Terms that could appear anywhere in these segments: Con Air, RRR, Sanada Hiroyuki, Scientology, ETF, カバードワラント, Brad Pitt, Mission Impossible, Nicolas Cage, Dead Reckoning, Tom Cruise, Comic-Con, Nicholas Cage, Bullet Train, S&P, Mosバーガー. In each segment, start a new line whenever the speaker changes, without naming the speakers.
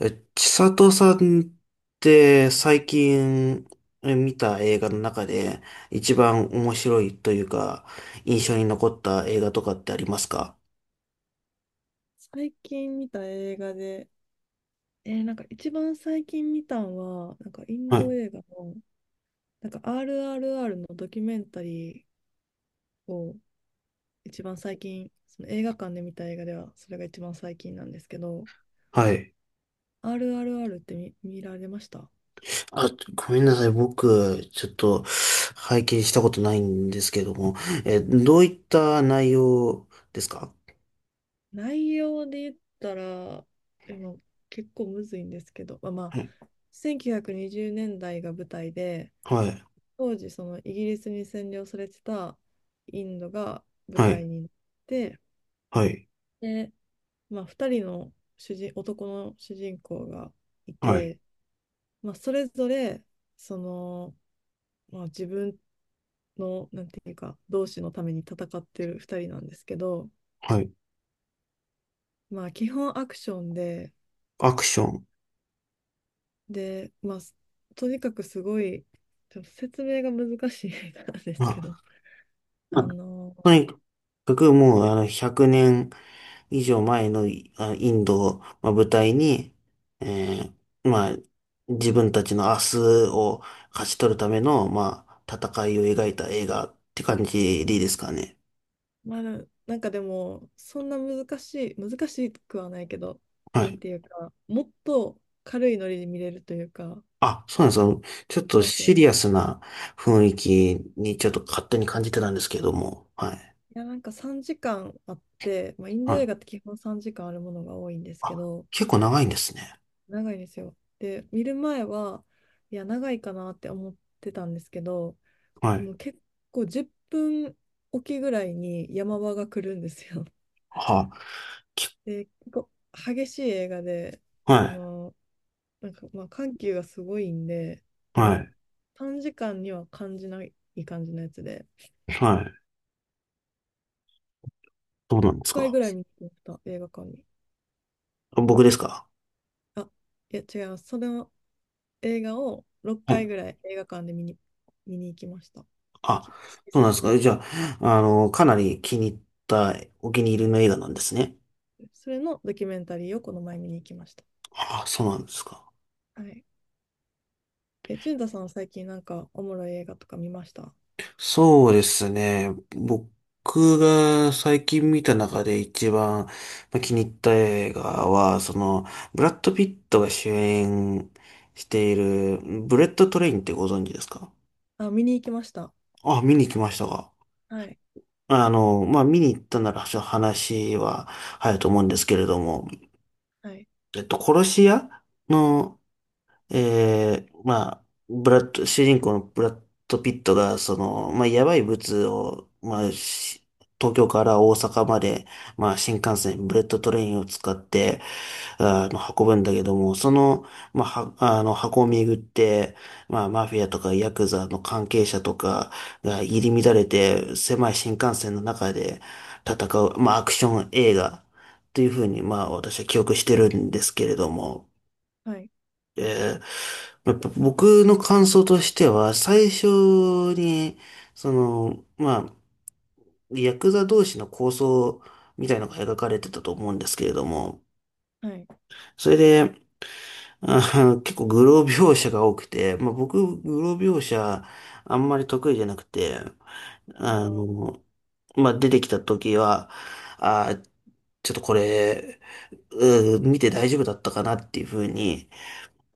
千里さんって最近見た映画の中で一番面白いというか印象に残った映画とかってありますか？
最近見た映画で、なんか一番最近見たんは、なんかイン
は
ド
い。
映画の、なんか RRR のドキュメンタリーを一番最近、その映画館で見た映画では、それが一番最近なんですけど、
はい。
RRR って見られました？
あ、ごめんなさい。僕、ちょっと拝見したことないんですけども、どういった内容ですか？
内容で言ったら、でも結構むずいんですけど、まあ、ま
はい。
あ、1920年代が舞台で、
はい。
当時そのイギリスに占領されてたインドが舞
はい。
台になって。
はい。
で、まあ、2人の男の主人公がい
はい。
て、まあ、それぞれその、まあ、自分のなんていうか同志のために戦ってる2人なんですけど、
はい。
まあ、基本アクションで、
アクション。
で、まあ、とにかくすごいちょっと説明が難しい映画なんで
ま
すけど。
あ、まあ
あの、
とにかくもうあの100年以上前のインドを、まあ、舞台に、えまあ、自分たちの明日を勝ち取るための、まあ、戦いを描いた映画って感じでいいですかね。
まあ、なんかでもそんな難しい、難しくはないけど、
は
なん
い。
ていうかもっと軽いノリで見れるというか。
あ、そうなんですよ。ちょっ
そう
と
なんです
シ
よ。
リアスな雰囲気にちょっと勝手に感じてたんですけども。はい。
いや、なんか3時間あって、まあ、イン
は
ド映
い。
画って基本3時間あるものが多いんですけ
あ、
ど、
結構長いんですね。
長いんですよ。で、見る前は、いや、長いかなって思ってたんですけど、
は
も
い。
う結構10分おきぐらいに山場が来るんですよ。
はあ、き
で、結構激しい映画で、そ
は
の、なんかまあ緩急がすごいんで、
い。は
もう
い。
3時間には感じない感じのやつで、
はい。どうなんです
5回
か？
ぐらい見てました、映画館に。
僕ですか？
あ、いや、違います。それは映画を6
は
回
い。
ぐらい映画館で見に行きました。
あ、
好き
そう
す
なんで
ぎ
す
て。
か。じゃあ、かなり気に入った、お気に入りの映画なんですね。
それのドキュメンタリーをこの前見に行きました。
あ、そうなんですか。
はい。え、淳太さんは最近なんかおもろい映画とか見ました？
そうですね。僕が最近見た中で一番気に入った映画は、ブラッド・ピットが主演している、ブレット・トレインってご存知ですか？
あ、見に行きました。
あ、見に行きましたが。
はい。
見に行ったなら、ちょっと話は早いと思うんですけれども、
はい。
殺し屋のまあ、ブラッド、主人公のブラッド・ピットが、まあ、やばい物を、まあ、東京から大阪まで、まあ、新幹線、ブレットトレインを使って、運ぶんだけども、その、まあ、は、あの、箱を巡って、まあ、マフィアとかヤクザの関係者とかが入り乱れて、狭い新幹線の中で戦う、まあ、アクション映画というふうに、まあ、私は記憶してるんですけれども、
はい。
えやっぱ僕の感想としては、最初に、まあ、ヤクザ同士の抗争みたいのが描かれてたと思うんですけれども、
はい。
それで、結構グロ描写が多くて、まあ僕、グロ描写あんまり得意じゃなくて、
あ
あ
ー。
の、まあ出てきた時は、あー、ちょっとこれ、見て大丈夫だったかなっていうふうに、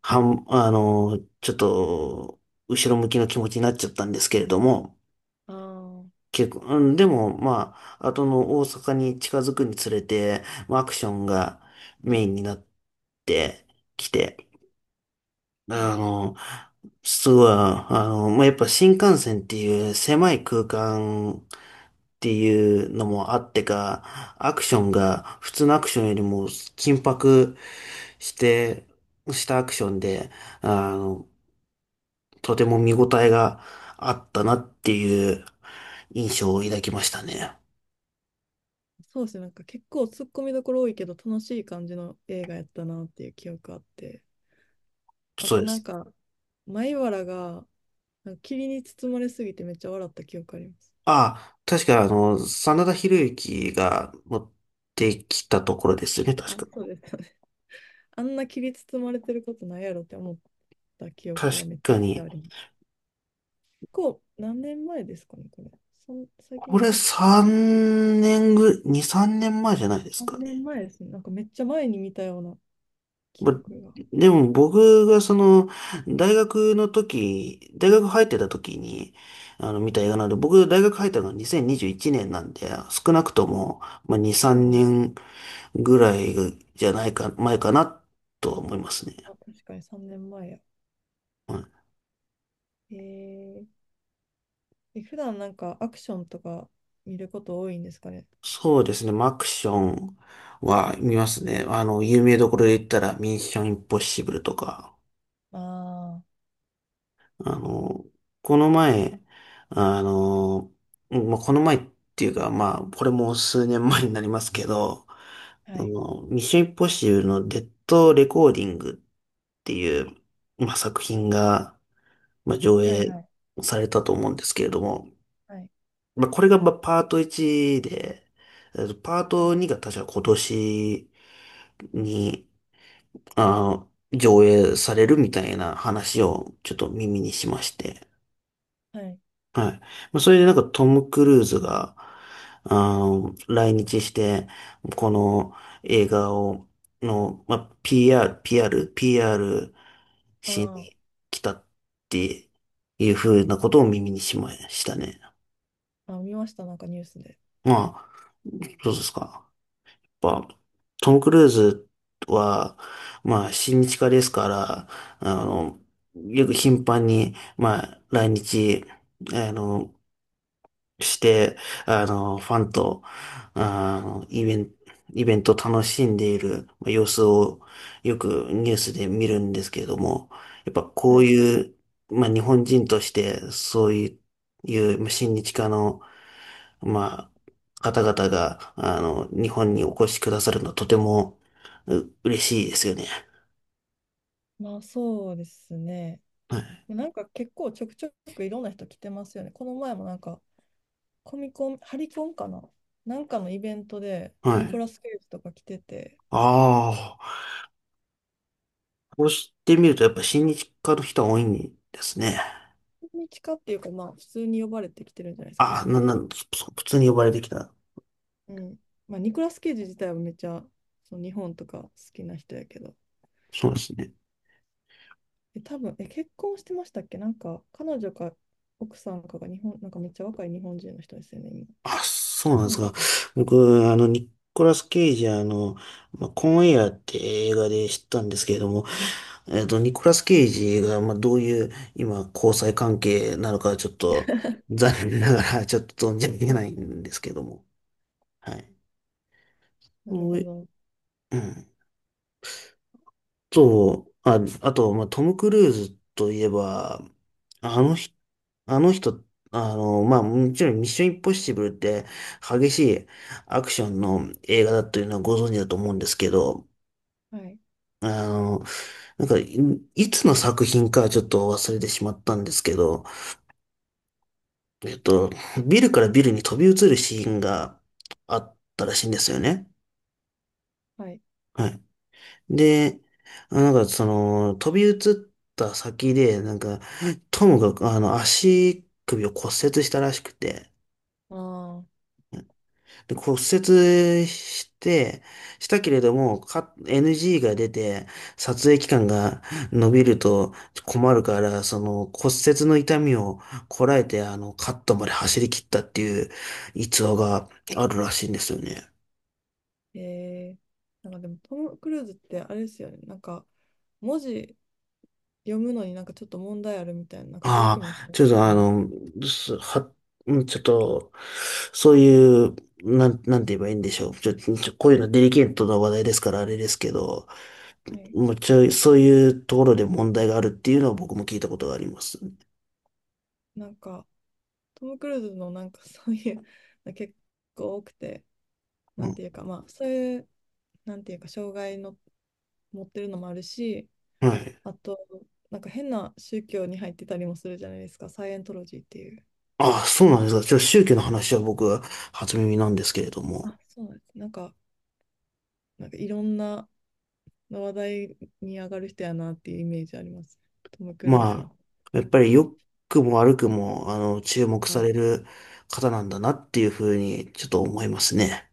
はん、あの、ちょっと、後ろ向きの気持ちになっちゃったんですけれども、
あー。
結構、うん、でも、まあ、後の大阪に近づくにつれて、まあアクションがメインになってきて、
はい。
あの、すごい、まあ、やっぱ新幹線っていう狭い空間っていうのもあってか、アクションが普通のアクションよりも緊迫して、したアクションで、あの、とても見応えがあったなっていう印象を抱きましたね。
そうですね。なんか結構突っ込みどころ多いけど楽しい感じの映画やったなっていう記憶あって。あ
そう
と
で
なん
す。
か、米原がなんか霧に包まれすぎてめっちゃ笑った記憶あります。
ああ、確か真田広之が持ってきたところですよね、確
あ、そう
か。
です。あんな霧包まれてることないやろって思った記憶が
確
めちゃ
か
くちゃ
に。
あります。こう、何年前ですかね、これ。そん最近
こ
でし
れ
たっけ
3年ぐ、2、3年前じゃないですか
?3
ね。
年前ですね。なんかめっちゃ前に見たような記
ま
憶が。
でも僕がその、大学入ってた時に、見た映画なんで、僕大学入ったのが2021年なんで、少なくとも、まあ、2、
そう
3
なんだ。
年ぐらいじゃないか、前かなとは思いますね。
あ、確かに3年前や。
うん
えー、え普段なんかアクションとか見ること多いんですかね？
そうですね。マクションは見ますね。有名どころで言ったら、ミッションインポッシブルとか、
あ
あの、この前、あの、この前っていうか、まあ、これも数年前になりますけど、
あ。はい。
ミッションインポッシブルのデッドレコーディングっていう、まあ、作品が、まあ、上
はい、
映
はい、
されたと思うんですけれども、
はい、
まあ、これがまあパート1で、パー
はい、
ト2が確か今年に、あ上映されるみたいな話をちょっと耳にしまして。
はい。
はい。まあ、それでなんかトム・クルーズが、来日して、この映画を、まあ、PR
あ
しに
ー。
来たっていうふうなことを耳にしましたね。
あ、見ました、なんかニュースで。
まあ、どうですか？やっぱ、トム・クルーズは、まあ、親日家ですから、あの、よく頻繁に、まあ、来日、あの、して、ファンと、あの、イベント、イベントを楽しんでいるまあ様子をよくニュースで見るんですけれども、やっぱ
は
こう
い。
いう、まあ日本人としてそういうまあ親日家のまあ、方々が、日本にお越しくださるのはとても、嬉しいですよね。
まあそうですね。
はい。
なんか結構ちょくちょくいろんな人来てますよね。この前もなんかコミコン、ハリコンかな、なんかのイベントで
は
ニコ
い。
ラス・ケイジとか来てて、
ああ、こうしてみると、やっぱ親日家の人は多いんですね。
何日かっていうかまあ普通に呼ばれてきてるんじゃないですか
あ
ね。
あ、な、なん、そそ普通に呼ばれてきた。
うん。まあニコラス・ケイジ自体はめっちゃその日本とか好きな人やけど、
そうですね。
多分、結婚してましたっけ、なんか彼女か奥さんかが日本、なんかめっちゃ若い日本人の人ですよね、今。
あ、そうなん
彼
です
女
か。
かな。
僕、ニコラス・ケイジ、まあ、コンエアって映画で知ったんですけれども、ニコラス・ケイジが、まあ、どういう、今、交際関係なのか、ちょっと、残念ながら、ちょっと存じ
あ、
上げ
そう
な
で
い
すよね。
んですけども。はい。
なる
お
ほ
い
ど。
うん。あと、まあ、トム・クルーズといえば、あのあの人、まあ、もちろんミッションインポッシブルって激しいアクションの映画だというのはご存知だと思うんですけど、
はい。
あの、なんか、いつの作品かちょっと忘れてしまったんですけど、えっと、ビルからビルに飛び移るシーンがあったらしいんですよね。
はい。
はい。で、なんかその、飛び移った先で、なんか、トムが、足首を骨折したらしくて、
ああ。
で、骨折して、したけれども、NG が出て、撮影期間が伸びると困るから、その骨折の痛みをこらえて、カットまで走り切ったっていう逸話があるらしいんですよね。
えー、なんかでもトム・クルーズってあれですよね。なんか文字読むのになんかちょっと問題あるみたいな、なんか病気
あ
も。
あ、ちょっとすは、うんちょっと、そういう、なんて言えばいいんでしょう。ちょ、ちょ、こういうのデリケートな話題ですから、あれですけど、
はい。
もちろそういうところで問題があるっていうのは僕も聞いたことがあります。
なんかトム・クルーズのなんかそういうの結構多くて、
う
なん
ん。
ていうかまあそういう、なんていうか障害の持ってるのもあるし、
はい。
あとなんか変な宗教に入ってたりもするじゃないですか、サイエントロジーっていう。
ああ、そうなんですか。宗教の話は僕は初耳なんですけれども。
あ、そうなんです。なんか、なんかいろんな話題に上がる人やなっていうイメージあります、トム・クルーズ
ま
は。
あ、やっぱり良くも悪くも、注目
あ
さ
る
れる方なんだなっていうふうに、ちょっと思いますね。